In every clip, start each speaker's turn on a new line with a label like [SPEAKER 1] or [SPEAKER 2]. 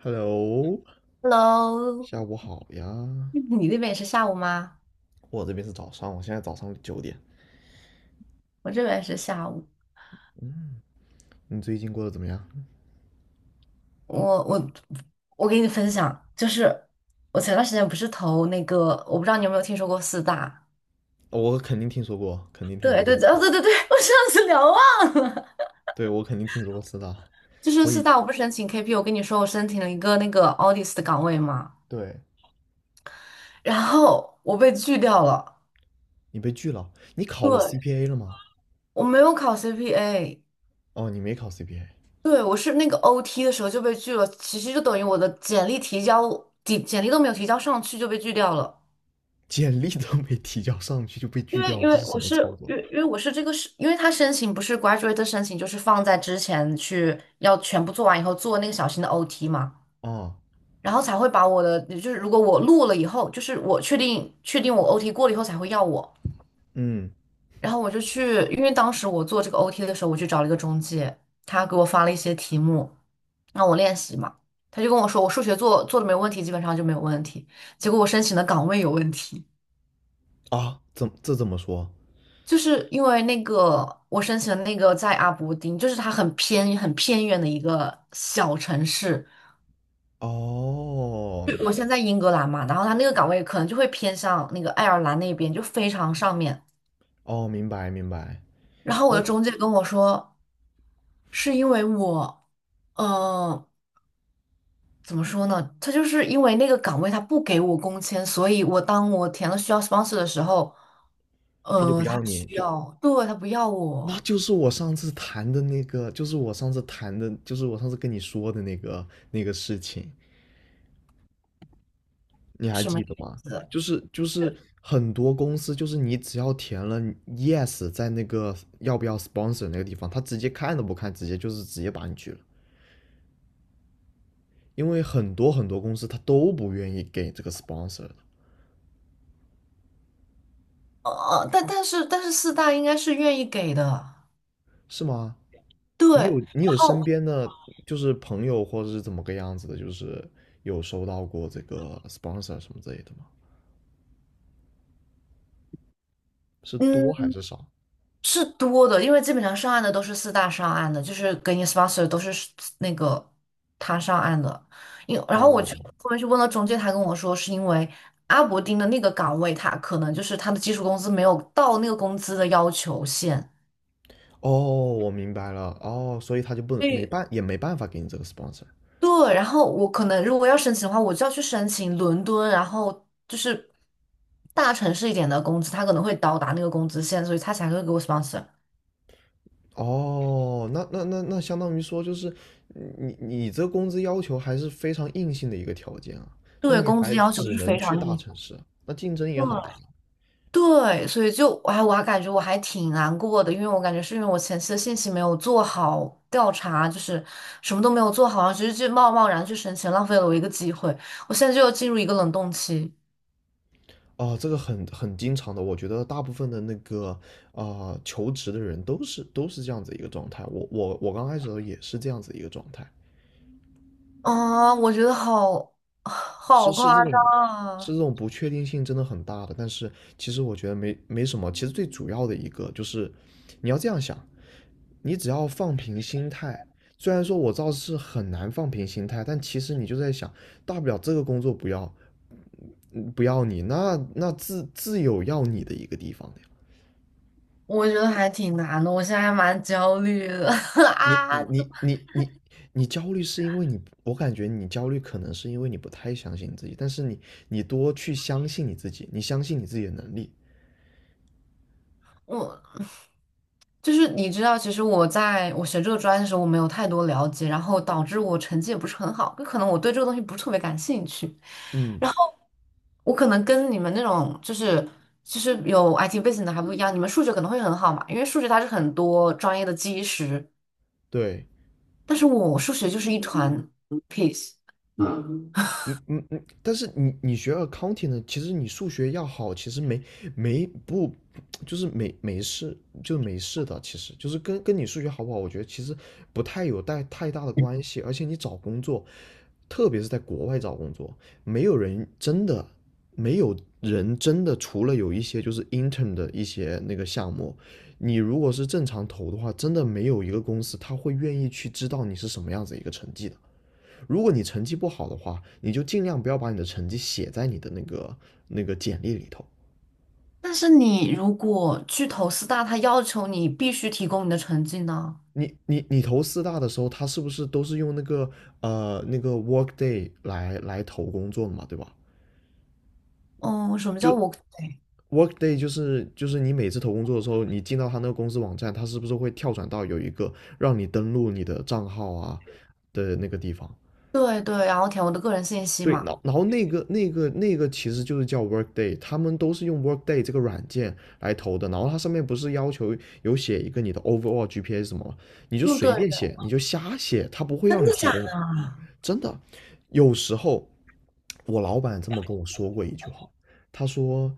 [SPEAKER 1] Hello，
[SPEAKER 2] Hello，
[SPEAKER 1] 下午好 呀。
[SPEAKER 2] 你那边也是下午吗？
[SPEAKER 1] 我这边是早上，我现在早上九点。
[SPEAKER 2] 我这边也是下午。
[SPEAKER 1] 嗯，你最近过得怎么样？
[SPEAKER 2] 我我我给你分享，就是我前段时间不是投那个，我不知道你有没有听说过四大？
[SPEAKER 1] 我肯定听说过，肯定听
[SPEAKER 2] 对
[SPEAKER 1] 说过。
[SPEAKER 2] 对对，哦对对对，我上次聊啊，
[SPEAKER 1] 对，我肯定听说过是的。
[SPEAKER 2] 就是
[SPEAKER 1] 我
[SPEAKER 2] 四
[SPEAKER 1] 已，
[SPEAKER 2] 大，我不是申请 KP，我跟你说我申请了一个那个 audit 的岗位嘛，
[SPEAKER 1] 对，
[SPEAKER 2] 然后我被拒掉了。
[SPEAKER 1] 你被拒了。你考了
[SPEAKER 2] 对，
[SPEAKER 1] CPA 了吗？
[SPEAKER 2] 我没有考 CPA。
[SPEAKER 1] 哦，你没考 CPA，
[SPEAKER 2] 对，我是那个 OT 的时候就被拒了，其实就等于我的简历提交，简历都没有提交上去就被拒掉了。
[SPEAKER 1] 简历都没提交上去就被
[SPEAKER 2] 因
[SPEAKER 1] 拒
[SPEAKER 2] 为
[SPEAKER 1] 掉了，
[SPEAKER 2] 因
[SPEAKER 1] 这
[SPEAKER 2] 为
[SPEAKER 1] 是什
[SPEAKER 2] 我
[SPEAKER 1] 么
[SPEAKER 2] 是
[SPEAKER 1] 操作？
[SPEAKER 2] 因为我是这个是，因为他申请不是 graduate 的申请，就是放在之前去要全部做完以后做那个小型的 OT 嘛，
[SPEAKER 1] 啊，
[SPEAKER 2] 然后才会把我的，就是如果我录了以后，就是我确定我 OT 过了以后才会要我。
[SPEAKER 1] 嗯，
[SPEAKER 2] 然后我就去，因为当时我做这个 OT 的时候，我去找了一个中介，他给我发了一些题目让我练习嘛，他就跟我说我数学做的没问题，基本上就没有问题，结果我申请的岗位有问题。
[SPEAKER 1] 啊，怎么说？
[SPEAKER 2] 就是因为那个我申请的那个在阿伯丁，就是它很偏很偏远的一个小城市。
[SPEAKER 1] 哦，
[SPEAKER 2] 就我现在在英格兰嘛，然后它那个岗位可能就会偏向那个爱尔兰那边，就非常上面。
[SPEAKER 1] 哦，明白明白。
[SPEAKER 2] 然后我
[SPEAKER 1] 那
[SPEAKER 2] 的中介跟我说，是因为我，呃，怎么说呢？他就是因为那个岗位他不给我工签，所以我当我填了需要 sponsor 的时候，
[SPEAKER 1] 他就不
[SPEAKER 2] 他
[SPEAKER 1] 要你，
[SPEAKER 2] 需要，对，他不要
[SPEAKER 1] 那
[SPEAKER 2] 我，
[SPEAKER 1] 就是我上次谈的那个，就是我上次谈的，就是我上次跟你说的那个那个事情，你还
[SPEAKER 2] 什么
[SPEAKER 1] 记得
[SPEAKER 2] 意
[SPEAKER 1] 吗？
[SPEAKER 2] 思？
[SPEAKER 1] 就是就是很多公司，就是你只要填了 yes，在那个要不要 sponsor 那个地方，他直接看都不看，直接就是直接把你拒了，因为很多很多公司他都不愿意给这个 sponsor 的，
[SPEAKER 2] 但是四大应该是愿意给的。
[SPEAKER 1] 是吗？
[SPEAKER 2] 对，
[SPEAKER 1] 你
[SPEAKER 2] 然
[SPEAKER 1] 有你有身
[SPEAKER 2] 后
[SPEAKER 1] 边的就是朋友或者是怎么个样子的，就是有收到过这个 sponsor 什么之类的吗？是多还
[SPEAKER 2] 嗯
[SPEAKER 1] 是少？
[SPEAKER 2] 是多的，因为基本上上岸的都是四大上岸的，就是给你 sponsor 都是那个他上岸的。然后我去
[SPEAKER 1] 哦
[SPEAKER 2] 后面去问了中介，他跟我说是因为阿伯丁的那个岗位，他可能就是他的基础工资没有到那个工资的要求线。
[SPEAKER 1] 哦，我明白了哦，所以他就不能
[SPEAKER 2] 所
[SPEAKER 1] 没
[SPEAKER 2] 以
[SPEAKER 1] 办也没办法给你这个 sponsor。
[SPEAKER 2] 对，然后我可能如果要申请的话，我就要去申请伦敦，然后就是大城市一点的工资，他可能会到达那个工资线，所以他才会给我 sponsor。
[SPEAKER 1] 哦，那相当于说就是你这个工资要求还是非常硬性的一个条件啊，那
[SPEAKER 2] 对，
[SPEAKER 1] 你
[SPEAKER 2] 工资
[SPEAKER 1] 还
[SPEAKER 2] 要求
[SPEAKER 1] 只
[SPEAKER 2] 是
[SPEAKER 1] 能
[SPEAKER 2] 非
[SPEAKER 1] 去
[SPEAKER 2] 常
[SPEAKER 1] 大
[SPEAKER 2] 硬。
[SPEAKER 1] 城市，那竞争也很大。
[SPEAKER 2] 对，所以就哎，我还感觉我还挺难过的，因为我感觉是因为我前期的信息没有做好调查，就是什么都没有做好，然后直接就贸贸然去申请，浪费了我一个机会。我现在就要进入一个冷冻期
[SPEAKER 1] 哦，这个很经常的，我觉得大部分的那个啊、求职的人都是都是这样子一个状态，我刚开始的时候也是这样子一个状态，
[SPEAKER 2] 啊。我觉得好
[SPEAKER 1] 是
[SPEAKER 2] 好
[SPEAKER 1] 是
[SPEAKER 2] 夸
[SPEAKER 1] 这
[SPEAKER 2] 张
[SPEAKER 1] 种，是
[SPEAKER 2] 啊，
[SPEAKER 1] 这种不确定性真的很大的。但是其实我觉得没什么，其实最主要的一个就是，你要这样想，你只要放平心态。虽然说我知道是很难放平心态，但其实你就在想，大不了这个工作不要，嗯不要你，那那自有要你的一个地方的呀。
[SPEAKER 2] 我觉得还挺难的，我现在还蛮焦虑的
[SPEAKER 1] 你
[SPEAKER 2] 啊。
[SPEAKER 1] 你你你你焦虑是因为你，我感觉你焦虑可能是因为你不太相信你自己，但是你你多去相信你自己，你相信你自己的能力。
[SPEAKER 2] 我。就是你知道，其实我在我学这个专业的时候，我没有太多了解，然后导致我成绩也不是很好，就可能我对这个东西不是特别感兴趣。
[SPEAKER 1] 嗯，
[SPEAKER 2] 然后我可能跟你们那种就是有 IT 背景的还不一样，你们数学可能会很好嘛，因为数学它是很多专业的基石，
[SPEAKER 1] 对，
[SPEAKER 2] 但是我数学就是一团 piece。
[SPEAKER 1] 嗯嗯嗯，但是你你学 accounting 呢，其实你数学要好，其实没没不没没事，就没事的，其实就是跟你数学好不好，我觉得其实不太有带太大的关系，而且你找工作，特别是在国外找工作，没有人真的没有人真的，除了有一些就是 intern 的一些那个项目，你如果是正常投的话，真的没有一个公司他会愿意去知道你是什么样子一个成绩的。如果你成绩不好的话，你就尽量不要把你的成绩写在你的那个那个简历里头。
[SPEAKER 2] 但是你如果去投四大，它要求你必须提供你的成绩呢？
[SPEAKER 1] 你投四大的时候，他是不是都是用那个那个 Workday 来投工作的嘛，对吧？
[SPEAKER 2] 哦，什么叫
[SPEAKER 1] 就
[SPEAKER 2] 我？
[SPEAKER 1] Workday 就是你每次投工作的时候，你进到他那个公司网站，他是不是会跳转到有一个让你登录你的账号啊的那个地方？
[SPEAKER 2] 对对，然后填我的个人信息
[SPEAKER 1] 对，然
[SPEAKER 2] 嘛。
[SPEAKER 1] 后然后那个其实就是叫 Workday，他们都是用 Workday 这个软件来投的。然后它上面不是要求有写一个你的 overall GPA 什么吗？你就
[SPEAKER 2] 嗯，对。
[SPEAKER 1] 随便写，你就瞎写，他不会
[SPEAKER 2] 真
[SPEAKER 1] 让你
[SPEAKER 2] 的
[SPEAKER 1] 提
[SPEAKER 2] 假
[SPEAKER 1] 供。
[SPEAKER 2] 的啊？
[SPEAKER 1] 真的，有时候我老板这么跟我说过一句话，他说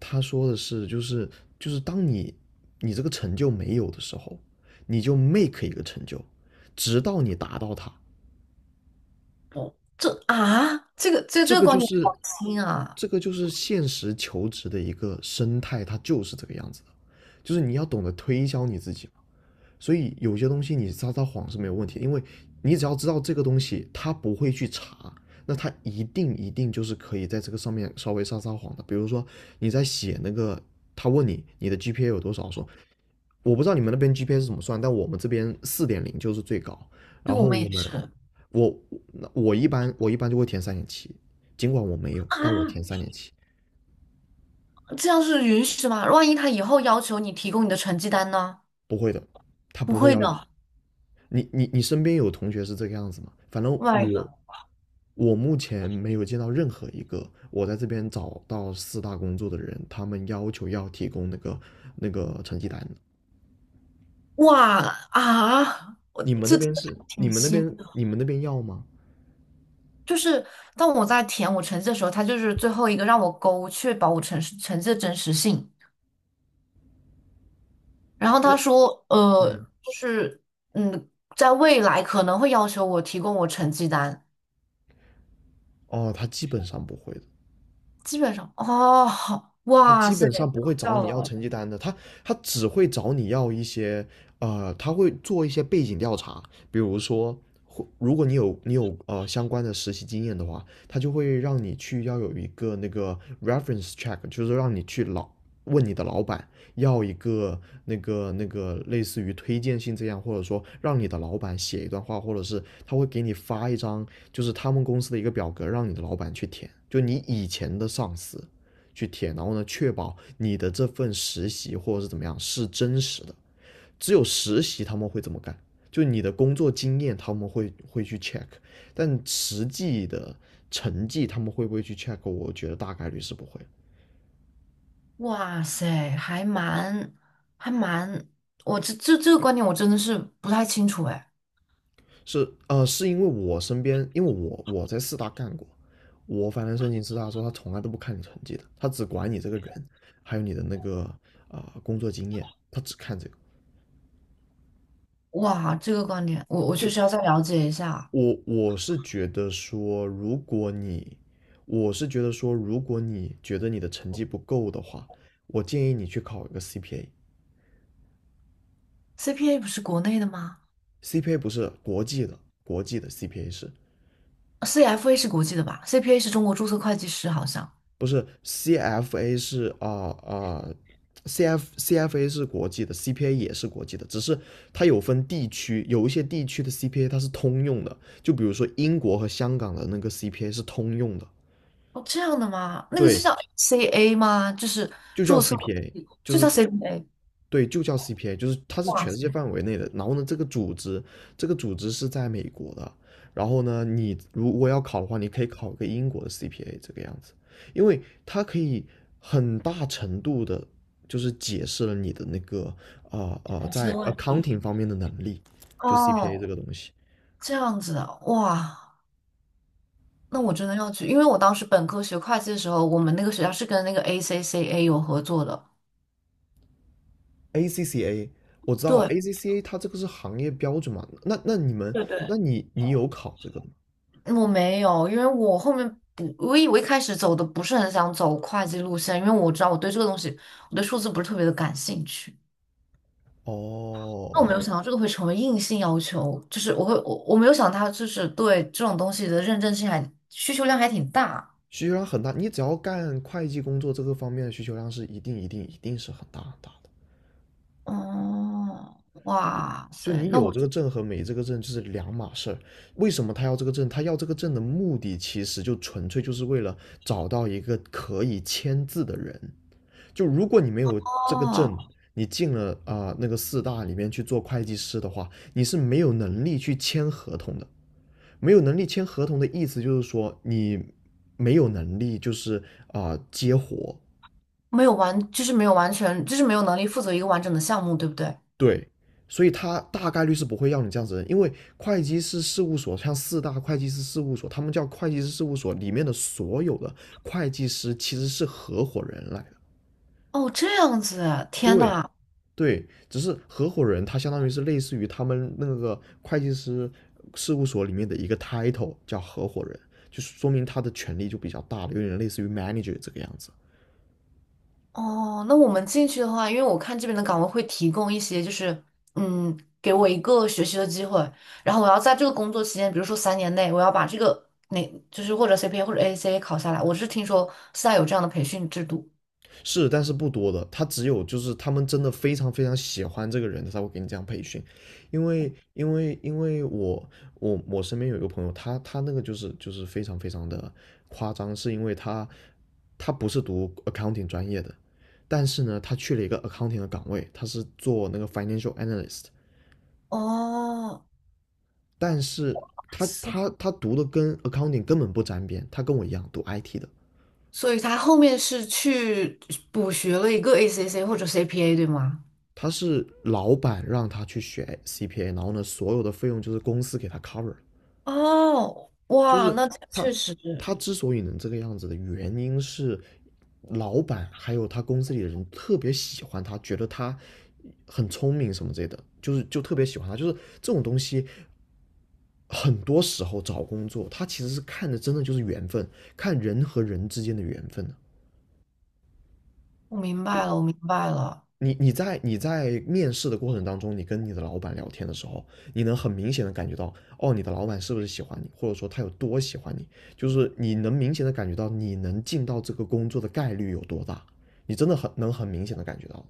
[SPEAKER 1] 他说的是当你你这个成就没有的时候，你就 make 一个成就，直到你达到它。
[SPEAKER 2] 哦这啊，这个这
[SPEAKER 1] 这
[SPEAKER 2] 这个
[SPEAKER 1] 个就
[SPEAKER 2] 观点好
[SPEAKER 1] 是
[SPEAKER 2] 新啊！
[SPEAKER 1] 这个就是现实求职的一个生态，它就是这个样子的，就是你要懂得推销你自己。所以有些东西你撒撒谎是没有问题因为你只要知道这个东西他不会去查，那他一定一定就是可以在这个上面稍微撒撒谎的。比如说你在写那个，他问你你的 GPA 有多少，说我不知道你们那边 GPA 是怎么算，但我们这边四点零就是最高，
[SPEAKER 2] 对，
[SPEAKER 1] 然
[SPEAKER 2] 我
[SPEAKER 1] 后
[SPEAKER 2] 们
[SPEAKER 1] 我
[SPEAKER 2] 也
[SPEAKER 1] 们
[SPEAKER 2] 是
[SPEAKER 1] 我那我一般就会填三点七，尽管我没有，但我
[SPEAKER 2] 啊。
[SPEAKER 1] 填三点七，
[SPEAKER 2] 这样是允许的吗？万一他以后要求你提供你的成绩单呢？
[SPEAKER 1] 不会的，他
[SPEAKER 2] 不
[SPEAKER 1] 不会
[SPEAKER 2] 会
[SPEAKER 1] 要
[SPEAKER 2] 的
[SPEAKER 1] 你你你身边有同学是这个样子吗？反正
[SPEAKER 2] ，my
[SPEAKER 1] 我
[SPEAKER 2] g
[SPEAKER 1] 我目前没有见到任何一个我在这边找到四大工作的人，他们要求要提供那个那个成绩单。
[SPEAKER 2] 哇啊，
[SPEAKER 1] 你们那
[SPEAKER 2] 这真
[SPEAKER 1] 边
[SPEAKER 2] 的
[SPEAKER 1] 是？
[SPEAKER 2] 还
[SPEAKER 1] 你
[SPEAKER 2] 挺
[SPEAKER 1] 们那
[SPEAKER 2] 新
[SPEAKER 1] 边
[SPEAKER 2] 的，
[SPEAKER 1] 你们那边要吗？
[SPEAKER 2] 就是当我在填我成绩的时候，他就是最后一个让我勾，确保我成绩的真实性。然后
[SPEAKER 1] 那
[SPEAKER 2] 他说，
[SPEAKER 1] 嗯，
[SPEAKER 2] 就是嗯，在未来可能会要求我提供我成绩单。
[SPEAKER 1] 哦，他基本上不会的。
[SPEAKER 2] 基本上哦，好，
[SPEAKER 1] 他
[SPEAKER 2] 哇
[SPEAKER 1] 基
[SPEAKER 2] 塞，
[SPEAKER 1] 本上不会
[SPEAKER 2] 超
[SPEAKER 1] 找
[SPEAKER 2] 掉
[SPEAKER 1] 你要
[SPEAKER 2] 了。
[SPEAKER 1] 成绩单的，他他只会找你要一些，他会做一些背景调查，比如说，如果你有相关的实习经验的话，他就会让你去要有一个那个 reference check，就是让你去问你的老板要一个那个类似于推荐信这样，或者说让你的老板写一段话，或者是他会给你发一张就是他们公司的一个表格，让你的老板去填，就你以前的上司。去填，然后呢，确保你的这份实习或者是怎么样是真实的。只有实习他们会这么干，就你的工作经验他们会去 check，但实际的成绩他们会不会去 check？我觉得大概率是不会。
[SPEAKER 2] 哇塞，还蛮还蛮，我这个观点我真的是不太清楚哎。
[SPEAKER 1] 是因为我身边，因为我在四大干过，我反正申请四大的时候，他从来都不看你成绩的，他只管你这个人，还有你的那个工作经验，他只看这个。
[SPEAKER 2] 哇，这个观点我我确
[SPEAKER 1] 就
[SPEAKER 2] 实要再了解一下。
[SPEAKER 1] 我是觉得说，如果你，我是觉得说，如果你觉得你的成绩不够的话，我建议你去考一个 CPA。
[SPEAKER 2] CPA 不是国内的吗
[SPEAKER 1] CPA 不是国际的，国际的 CPA 是，
[SPEAKER 2] ？CFA 是国际的吧？CPA 是中国注册会计师好像。
[SPEAKER 1] 不是 CFA 是啊啊、CFA 是国际的，CPA 也是国际的，只是它有分地区，有一些地区的 CPA 它是通用的，就比如说英国和香港的那个 CPA 是通用的，
[SPEAKER 2] 哦，这样的吗？那个是
[SPEAKER 1] 对，
[SPEAKER 2] 叫 CA 吗？就是
[SPEAKER 1] 就叫
[SPEAKER 2] 注册会
[SPEAKER 1] CPA，
[SPEAKER 2] 计
[SPEAKER 1] 就
[SPEAKER 2] 就
[SPEAKER 1] 是。
[SPEAKER 2] 叫 CPA。
[SPEAKER 1] 对，就叫 CPA，就是它是
[SPEAKER 2] 哇
[SPEAKER 1] 全世
[SPEAKER 2] 塞，
[SPEAKER 1] 界范围内的。然后呢，这个组织，这个组织是在美国的。然后呢，你如果要考的话，你可以考个英国的 CPA 这个样子，因为它可以很大程度的，就是解释了你的那个
[SPEAKER 2] 还是
[SPEAKER 1] 在
[SPEAKER 2] 个问题
[SPEAKER 1] accounting 方面的能力，就 CPA 这
[SPEAKER 2] 哦。
[SPEAKER 1] 个东西。
[SPEAKER 2] 这样子啊，哇，那我真的要去，因为我当时本科学会计的时候，我们那个学校是跟那个 ACCA 有合作的。
[SPEAKER 1] ACCA 我知道
[SPEAKER 2] 对，
[SPEAKER 1] ACCA 它这个是行业标准嘛，那那你们，
[SPEAKER 2] 对
[SPEAKER 1] 那
[SPEAKER 2] 对，
[SPEAKER 1] 你你有考这个的吗？
[SPEAKER 2] 我没有，因为我后面不，我以为一开始走的不是很想走会计路线，因为我知道我对这个东西，我对数字不是特别的感兴趣。那我没
[SPEAKER 1] 哦，
[SPEAKER 2] 有想到这个会成为硬性要求，就是我会我我没有想到它就是对这种东西的认证性还需求量还挺大。
[SPEAKER 1] 需求量很大，你只要干会计工作这个方面的需求量是一定一定一定是很大很大的。
[SPEAKER 2] 哦，哇
[SPEAKER 1] 就
[SPEAKER 2] 塞，
[SPEAKER 1] 你
[SPEAKER 2] 那
[SPEAKER 1] 有
[SPEAKER 2] 我
[SPEAKER 1] 这个证和没这个证就是两码事儿。为什么他要这个证？他要这个证的目的其实就纯粹就是为了找到一个可以签字的人。就如果你没有这个
[SPEAKER 2] 哦。
[SPEAKER 1] 证，你进了那个四大里面去做会计师的话，你是没有能力去签合同的。没有能力签合同的意思就是说你没有能力就是接活，
[SPEAKER 2] 没有完，就是没有完全，就是没有能力负责一个完整的项目，对不对？
[SPEAKER 1] 对，所以他大概率是不会要你这样子的人，因为会计师事务所像四大会计师事务所，他们叫会计师事务所里面的所有的会计师其实是合伙人来的。
[SPEAKER 2] 哦，这样子啊，天
[SPEAKER 1] 对，
[SPEAKER 2] 呐。
[SPEAKER 1] 对，只是合伙人他相当于是类似于他们那个会计师事务所里面的一个 title 叫合伙人，就说明他的权力就比较大了，有点类似于 manager 这个样子。
[SPEAKER 2] 哦，那我们进去的话，因为我看这边的岗位会提供一些，就是嗯，给我一个学习的机会，然后我要在这个工作期间，比如说3年内，我要把这个那就是或者 CPA 或者 ACA 考下来。我是听说现在有这样的培训制度。
[SPEAKER 1] 是，但是不多的，他只有就是他们真的非常非常喜欢这个人，他才会给你这样培训，因为我身边有一个朋友，他那个就是非常非常的夸张，是因为他他不是读 accounting 专业的，但是呢，他去了一个 accounting 的岗位，他是做那个 financial analyst，
[SPEAKER 2] 哦，
[SPEAKER 1] 但是他
[SPEAKER 2] 是，
[SPEAKER 1] 他他读的跟 accounting 根本不沾边，他跟我一样读 IT 的，
[SPEAKER 2] 所以他后面是去补学了一个 ACC 或者 CPA，对吗？
[SPEAKER 1] 他是老板让他去学 CPA，然后呢，所有的费用就是公司给他 cover。
[SPEAKER 2] 哦，
[SPEAKER 1] 就
[SPEAKER 2] 哇，
[SPEAKER 1] 是
[SPEAKER 2] 那
[SPEAKER 1] 他
[SPEAKER 2] 确实。
[SPEAKER 1] 他之所以能这个样子的原因是，老板还有他公司里的人特别喜欢他，觉得他很聪明什么之类的，就是就特别喜欢他。就是这种东西，很多时候找工作，他其实是看的真的就是缘分，看人和人之间的缘分的。
[SPEAKER 2] 我明白了，我明白了，
[SPEAKER 1] 你你在面试的过程当中，你跟你的老板聊天的时候，你能很明显的感觉到，哦，你的老板是不是喜欢你，或者说他有多喜欢你，就是你能明显的感觉到你能进到这个工作的概率有多大，你真的很能很明显的感觉到。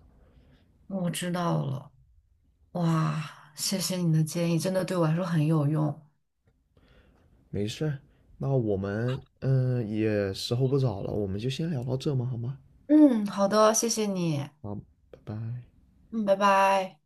[SPEAKER 2] 我知道了。哇，谢谢你的建议，真的对我来说很有用。
[SPEAKER 1] 没事儿，那我们也时候不早了，我们就先聊到这嘛，好吗？
[SPEAKER 2] 嗯，好的，谢谢你。
[SPEAKER 1] 好，拜拜。
[SPEAKER 2] 嗯，拜拜。